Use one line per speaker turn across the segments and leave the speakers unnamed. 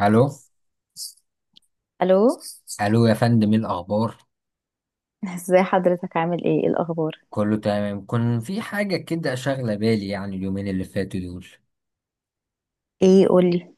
الو،
الو.
الو يا فندم، ايه الاخبار؟
ازاي حضرتك؟ عامل ايه؟ إيه الاخبار؟
كله تمام. كان في حاجه كده شاغله بالي، يعني اليومين اللي فاتوا دول.
ايه، قولي.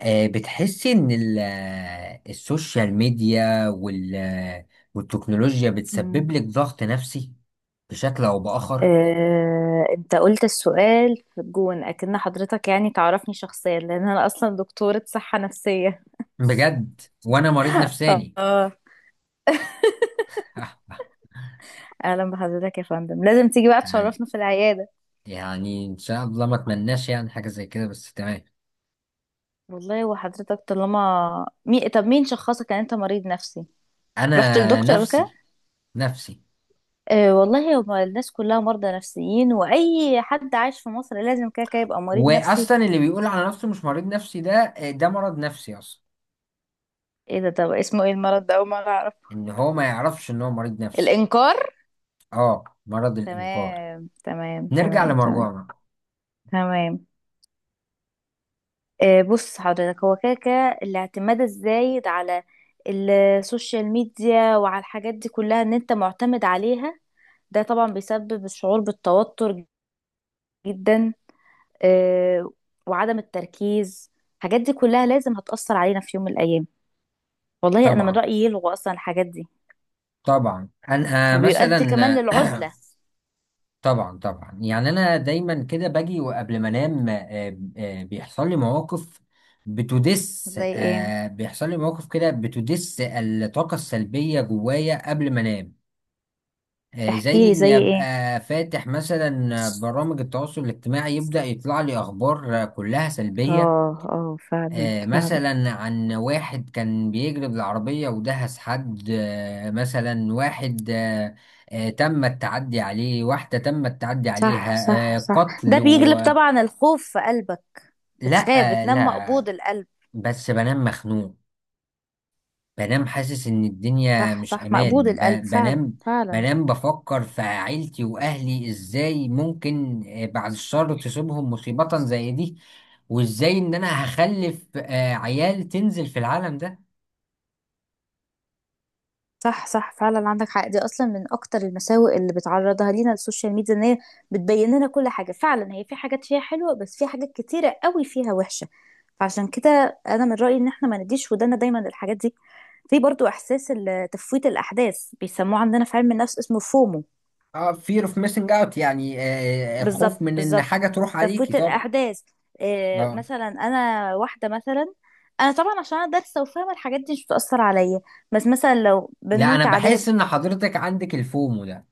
بتحسي ان السوشيال ميديا وال آه، والتكنولوجيا
مم.
بتسبب لك ضغط نفسي بشكل او باخر؟
انت قلت السؤال في الجون اكن حضرتك يعني تعرفني شخصيا، لان انا اصلا دكتورة صحة نفسية.
بجد، وانا مريض نفساني.
اه. اهلا بحضرتك يا فندم، لازم تيجي بقى تشرفنا في العيادة.
يعني ان شاء الله ما اتمناش يعني حاجه زي كده، بس تمام.
والله، وحضرتك طالما طب مين شخصك ان انت مريض نفسي؟ رحت
انا
للدكتور قبل كده؟
نفسي، نفسي.
آه والله، هو الناس كلها مرضى نفسيين، واي حد عايش في مصر لازم كده كده يبقى مريض نفسي.
واصلا اللي بيقول على نفسه مش مريض نفسي ده، ده مرض نفسي اصلا.
ايه ده؟ طب اسمه ايه المرض ده؟ اول مرة أعرفه.
ان هو ما يعرفش ان هو مريض نفسي.
الإنكار.
اه، مرض الانكار.
تمام، تمام،
نرجع
تمام، تمام،
لمرجوعنا.
تمام. بص حضرتك، هو كده كده الاعتماد الزايد على السوشيال ميديا وعلى الحاجات دي كلها، ان انت معتمد عليها، ده طبعا بيسبب الشعور بالتوتر جدا، آه، وعدم التركيز. الحاجات دي كلها لازم هتأثر علينا في يوم من الأيام. والله أنا من
طبعا
رأيي يلغوا أصلا الحاجات دي.
طبعا. انا
وبيؤدي كمان
مثلا.
للعزلة.
طبعا طبعا، يعني انا دايما كده باجي وقبل ما انام بيحصل لي مواقف. بتدس
زي ايه؟
آه، بيحصل لي مواقف كده، بتدس الطاقة السلبية جوايا قبل ما انام. زي
احكيلي زي
اني
ايه.
ابقى فاتح مثلا برامج التواصل الاجتماعي، يبدأ يطلع لي اخبار كلها سلبية.
اه اه، فعلا فعلا.
مثلا عن واحد كان بيجري بالعربية ودهس حد، مثلا واحد تم التعدي عليه، واحدة تم التعدي
صح،
عليها،
صح، صح، ده
قتل و...
بيجلب طبعا الخوف في قلبك.
لا.
بتخاف، بتنام
لا،
مقبوض القلب.
بس بنام مخنوق. بنام حاسس ان الدنيا
صح
مش
صح، مقبوض
امان ب...
القلب فعلا.
بنام
فعلا.
بنام بفكر في عيلتي واهلي، ازاي ممكن بعد الشر تصيبهم مصيبة زي دي، وازاي ان انا هخلف عيال تنزل في العالم ده.
صح صح، فعلا عندك حق، دي اصلا من اكتر المساوئ اللي بتعرضها لينا السوشيال ميديا، ان هي بتبين لنا كل حاجه، فعلا هي في حاجات فيها حلوه بس في حاجات كتيره قوي فيها وحشه، فعشان كده انا من رايي ان احنا ما نديش ودانا دايما للحاجات دي. في برضو احساس تفويت الاحداث، بيسموه عندنا في علم النفس اسمه فومو.
اه، fear of missing out، يعني الخوف
بالظبط
من ان
بالظبط.
حاجة تروح عليكي،
تفويت
طبعا.
الاحداث. إيه
اه.
مثلا؟ انا واحده مثلا، انا طبعا عشان انا دارسه وفاهمه الحاجات دي مش بتاثر عليا، بس مثلا لو
لا، انا
بنوت عذاب.
بحس ان حضرتك عندك الفومو ده.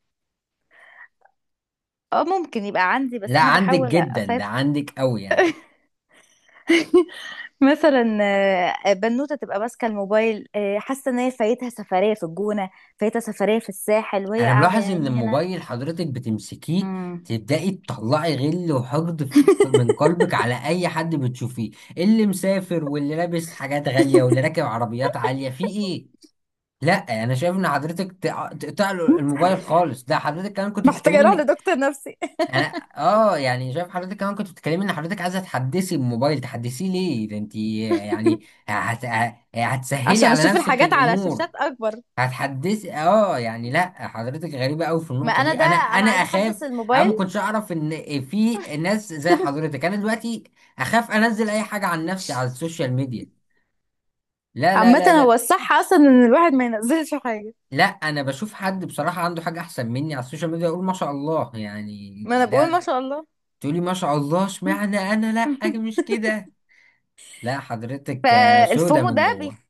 اه ممكن يبقى عندي، بس
لا
انا
عندك
بحاول
جدا، ده
اسيطر.
عندك قوي يعني.
مثلا بنوته تبقى ماسكه الموبايل، حاسه ان هي فايتها سفريه في الجونه، فايتها سفريه في الساحل وهي
انا
قاعده يا
ملاحظ ان
عيني هنا.
الموبايل حضرتك بتمسكيه
مم.
تبدأي تطلعي غل وحقد من قلبك على اي حد بتشوفيه، اللي مسافر واللي لابس حاجات غالية واللي راكب عربيات عالية، في ايه؟ لا، انا شايف ان حضرتك تقطع له الموبايل خالص. ده حضرتك كمان كنت
محتاجه
بتتكلمي
اروح
انك،
لدكتور نفسي.
انا، اه يعني، شايف حضرتك كمان كنت بتتكلمي ان حضرتك عايزه تحدثي الموبايل. تحدثيه ليه ده؟ انت يعني هت... ه- هتسهلي
عشان
على
اشوف
نفسك
الحاجات على
الامور؟
شاشات اكبر.
هتحدثي؟ اه يعني، لا، حضرتك غريبه قوي في
ما
النقطه
انا
دي.
ده
انا
انا عايزه
اخاف.
احدث
انا
الموبايل.
ما كنتش اعرف ان في ناس زي حضرتك. انا دلوقتي اخاف انزل اي حاجه عن نفسي على السوشيال ميديا. لا لا
عامة
لا
هو
لا.
الصح اصلا ان الواحد ما ينزلش حاجة.
لا، انا بشوف حد بصراحه عنده حاجه احسن مني على السوشيال ميديا اقول ما شاء الله يعني.
ما انا بقول ما
ده
شاء الله.
تقولي ما شاء الله؟ اشمعنى انا؟ لا، أنا مش كده. لا، حضرتك سودة
فالفومو
من
ده
جوه.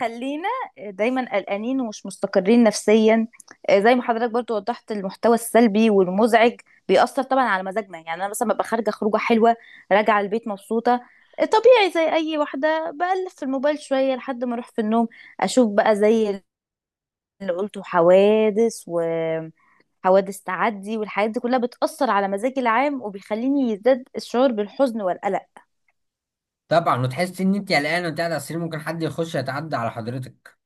بيخلينا دايما قلقانين ومش مستقرين نفسيا. زي ما حضرتك برضو وضحت، المحتوى السلبي والمزعج بيأثر طبعا على مزاجنا. يعني انا مثلا ببقى خارجة خروجة حلوة، راجعة البيت مبسوطة، طبيعي زي اي واحدة بقلب في الموبايل شوية لحد ما اروح في النوم، اشوف بقى زي اللي قلته، حوادث تعدي والحاجات دي كلها بتأثر على مزاجي العام، وبيخليني يزداد الشعور بالحزن والقلق.
طبعا. وتحس ان انت قلقان وانت قاعد على السرير، ممكن حد يخش يتعدى على حضرتك.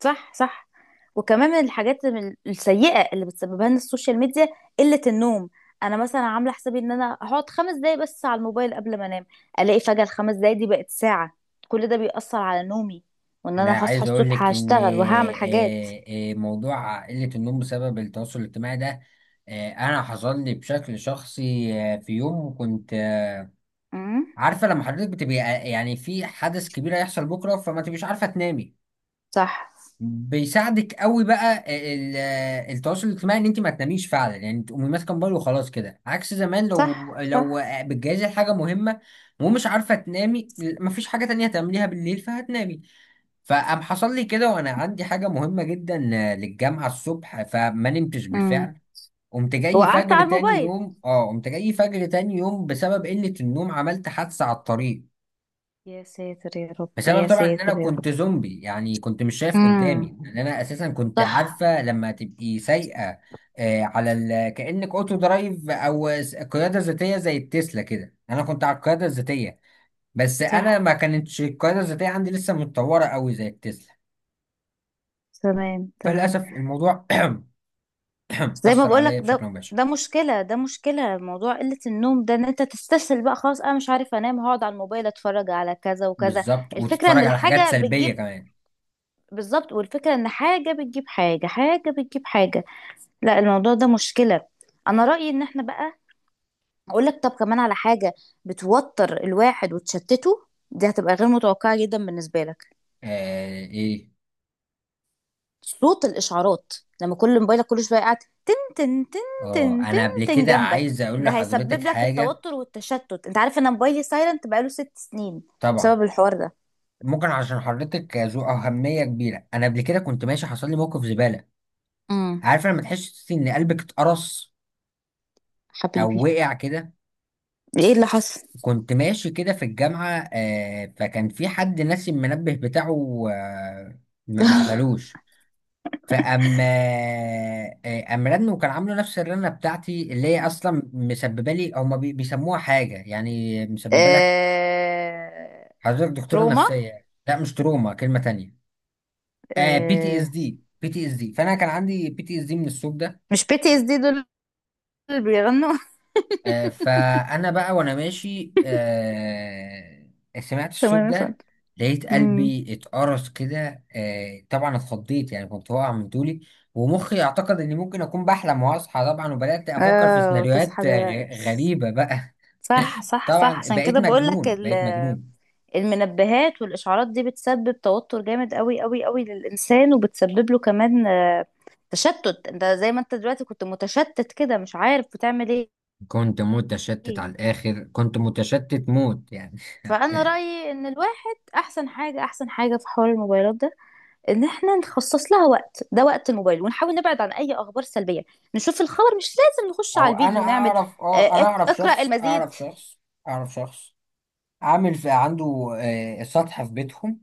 صح صح. وكمان من الحاجات من السيئة اللي بتسببها لنا السوشيال ميديا قلة النوم. انا مثلا عامله حسابي ان انا هقعد 5 دقايق بس على الموبايل قبل ما انام، الاقي فجأة الـ5 دقايق دي بقت ساعة. كل ده بيأثر على نومي، وان
انا
انا هصحى
عايز اقول
الصبح
لك ان
هشتغل وهعمل حاجات.
موضوع قلة النوم بسبب التواصل الاجتماعي ده، انا حصل لي بشكل شخصي. في يوم كنت
امم.
عارفة لما حضرتك بتبقى يعني في حدث كبير هيحصل بكرة فما تبقيش عارفة تنامي،
صح
بيساعدك قوي بقى ال- التواصل الاجتماعي ان انت ما تناميش فعلا. يعني تقومي ماسكه موبايل وخلاص كده عكس زمان، لو
صح صح.
بتجهزي حاجه مهمه ومش عارفه تنامي، مفيش حاجه تانية تعمليها بالليل، فهتنامي. فقام حصل لي كده وانا عندي حاجه مهمه جدا للجامعه الصبح، فما نمتش
امم.
بالفعل.
وقعدت على الموبايل؟
قمت جاي فجر تاني يوم، بسبب قله النوم عملت حادثه على الطريق.
يا ساتر يا رب،
بسبب
يا
طبعا ان انا
ساتر يا رب.
كنت زومبي، يعني كنت مش شايف قدامي، ان
امم.
انا اساسا كنت
صح
عارفه لما تبقي سايقه، كانك اوتو درايف او قياده ذاتيه زي التسلا كده. انا كنت على القياده الذاتيه، بس
صح.
انا ما كانتش القياده الذاتيه عندي لسه متطوره قوي زي التسلا.
تمام تمام.
فللاسف الموضوع
زي ما
اثر
بقولك
عليا بشكل
ده،
مباشر.
ده مشكلة، ده مشكلة، موضوع قلة النوم ده، ان انت تستسهل بقى خلاص انا مش عارف انام، هقعد على الموبايل اتفرج على كذا وكذا.
بالظبط،
الفكرة ان
وتتفرج على حاجات
الحاجة
سلبيه
بتجيب،
كمان.
بالظبط، والفكرة ان حاجة بتجيب حاجة، حاجة بتجيب حاجة. لا الموضوع ده مشكلة. انا رأيي ان احنا بقى، اقول لك طب كمان على حاجة بتوتر الواحد وتشتته، دي هتبقى غير متوقعة جدا بالنسبة لك:
ايه؟
صوت الاشعارات. لما كل موبايلك كل شوية قاعد تن تن،
اه،
تن تن،
انا قبل
تن
كده
جنبك،
عايز اقول
ده
لحضرتك
هيسبب لك
حاجه.
التوتر والتشتت. انت عارف انا موبايلي سايلنت بقاله 6 سنين،
طبعا.
بسبب الحوار ده.
ممكن عشان حضرتك ذو أهمية كبيرة. أنا قبل كده كنت ماشي، حصل لي موقف زبالة.
امم.
عارف لما تحس إن قلبك اتقرص أو
حبيبي،
وقع كده؟
ايه اللي حصل؟
كنت ماشي كده في الجامعة، فكان في حد ناسي المنبه بتاعه، ما قفلوش. فأما آه أم رن، وكان عامله نفس الرنة بتاعتي اللي هي أصلا مسببة لي، هما بيسموها حاجة، يعني مسببة لك.
آه،
حضرتك دكتورة
تروما.
نفسية، لا مش تروما، كلمة تانية. آه، بي تي اس
آه،
دي، بي تي اس دي. فانا كان عندي بي تي اس دي من الصوت ده.
مش بي تي اس دي دول اللي بيغنوا.
فانا بقى وانا ماشي سمعت الصوت
تمام يا
ده،
فندم.
لقيت
امم.
قلبي اتقرص كده. طبعا اتخضيت، يعني كنت واقع من طولي، ومخي اعتقد اني ممكن اكون بحلم واصحى، طبعا. وبدات افكر في
اه،
سيناريوهات
تصحى دلوقتي؟
غريبه بقى.
صح صح صح،
طبعا
عشان
بقيت
كده بقول لك،
مجنون، بقيت مجنون.
المنبهات والإشعارات دي بتسبب توتر جامد قوي قوي قوي للإنسان، وبتسبب له كمان تشتت. انت زي ما انت دلوقتي كنت متشتت كده مش عارف بتعمل ايه.
كنت متشتت على الاخر، كنت متشتت موت يعني.
فأنا رأيي إن الواحد أحسن حاجة، أحسن حاجة في حوار الموبايلات ده، إن احنا نخصص لها وقت، ده وقت الموبايل، ونحاول نبعد عن أي أخبار سلبية. نشوف الخبر، مش لازم نخش على
او انا
الفيديو ونعمل
اعرف اه
آه،
انا اعرف
اقرأ
شخص،
المزيد.
اعرف شخص عامل في عنده سطح في بيتهم.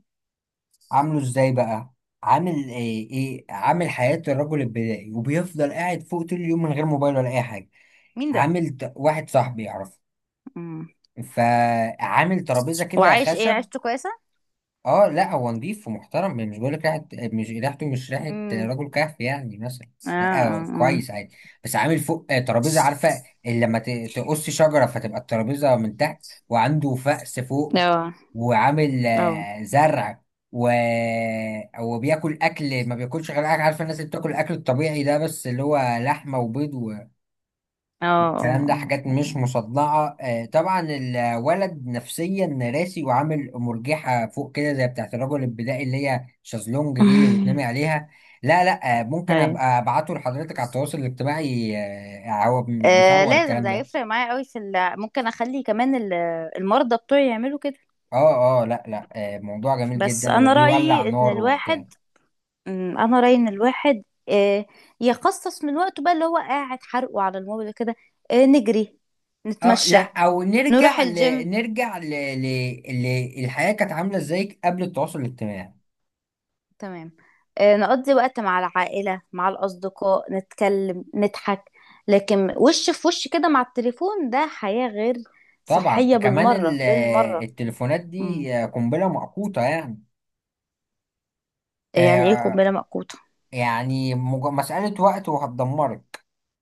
عامله ازاي بقى؟ عامل آه ايه عامل حياة الرجل البدائي، وبيفضل قاعد فوق طول اليوم من غير موبايل ولا اي حاجة.
مين ده؟
واحد صاحبي يعرفه،
مم.
فعامل ترابيزة كده
وعايش ايه؟
خشب.
عيشته كويسة؟
اه لا، هو نضيف ومحترم، يعني مش بقول لك ريحه. مش ريحه
امم.
رجل كهف يعني، مثلا.
اه
لا هو
اه
كويس عادي. بس عامل فوق ترابيزه، عارفه اللي لما تقص شجره فتبقى الترابيزه من تحت، وعنده فأس فوق،
اه
وعامل
اه. آه.
زرع و... وبياكل اكل. ما بياكلش غير اكل، عارفه الناس اللي بتاكل الاكل الطبيعي ده، بس اللي هو لحمه وبيض
اه
الكلام ده،
اه
حاجات
اه
مش
اه.
مصدعة. طبعا الولد نفسيا راسي، وعامل مرجحة فوق كده زي بتاعت الرجل البدائي اللي هي شازلونج دي اللي بتنامي
آه.
عليها. لا لا، ممكن
هاي.
ابقى ابعته لحضرتك على التواصل الاجتماعي. هو
آه
بيصور
لازم،
الكلام
ده
ده.
هيفرق معايا قوي في ممكن اخلي كمان المرضى بتوعي يعملوا كده.
اه اه لا لا، موضوع جميل
بس
جدا،
انا
وبيولع
رايي ان
نار
الواحد،
وبتاع.
انا رايي ان الواحد يخصص من وقته بقى، اللي هو قاعد حرقه على الموبايل كده، نجري،
اه لا،
نتمشى،
او
نروح
نرجع ل...
الجيم.
نرجع ل... ل... ل... الحياة كانت عاملة ازاي قبل التواصل الاجتماعي.
تمام. نقضي وقت مع العائله مع الاصدقاء، نتكلم، نضحك، لكن وش في وش كده مع التليفون ده حياه غير
طبعا
صحيه
كمان
بالمره بالمره.
التليفونات
مم.
دي قنبلة موقوتة يعني.
يعني ايه
آه،
قنبلة موقوتة؟
يعني مسألة وقت وهتدمرك.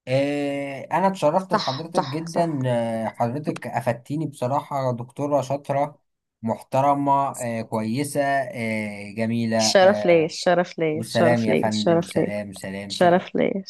أنا اتشرفت
صح
بحضرتك
صح صح.
جدا، حضرتك أفدتيني بصراحة، دكتورة شاطرة، محترمة، كويسة، آه، جميلة
الشرف ليا،
آه،
الشرف ليا،
والسلام
الشرف
يا
ليا،
فندم،
الشرف ليا،
سلام، سلام،
الشرف
سلام.
ليا.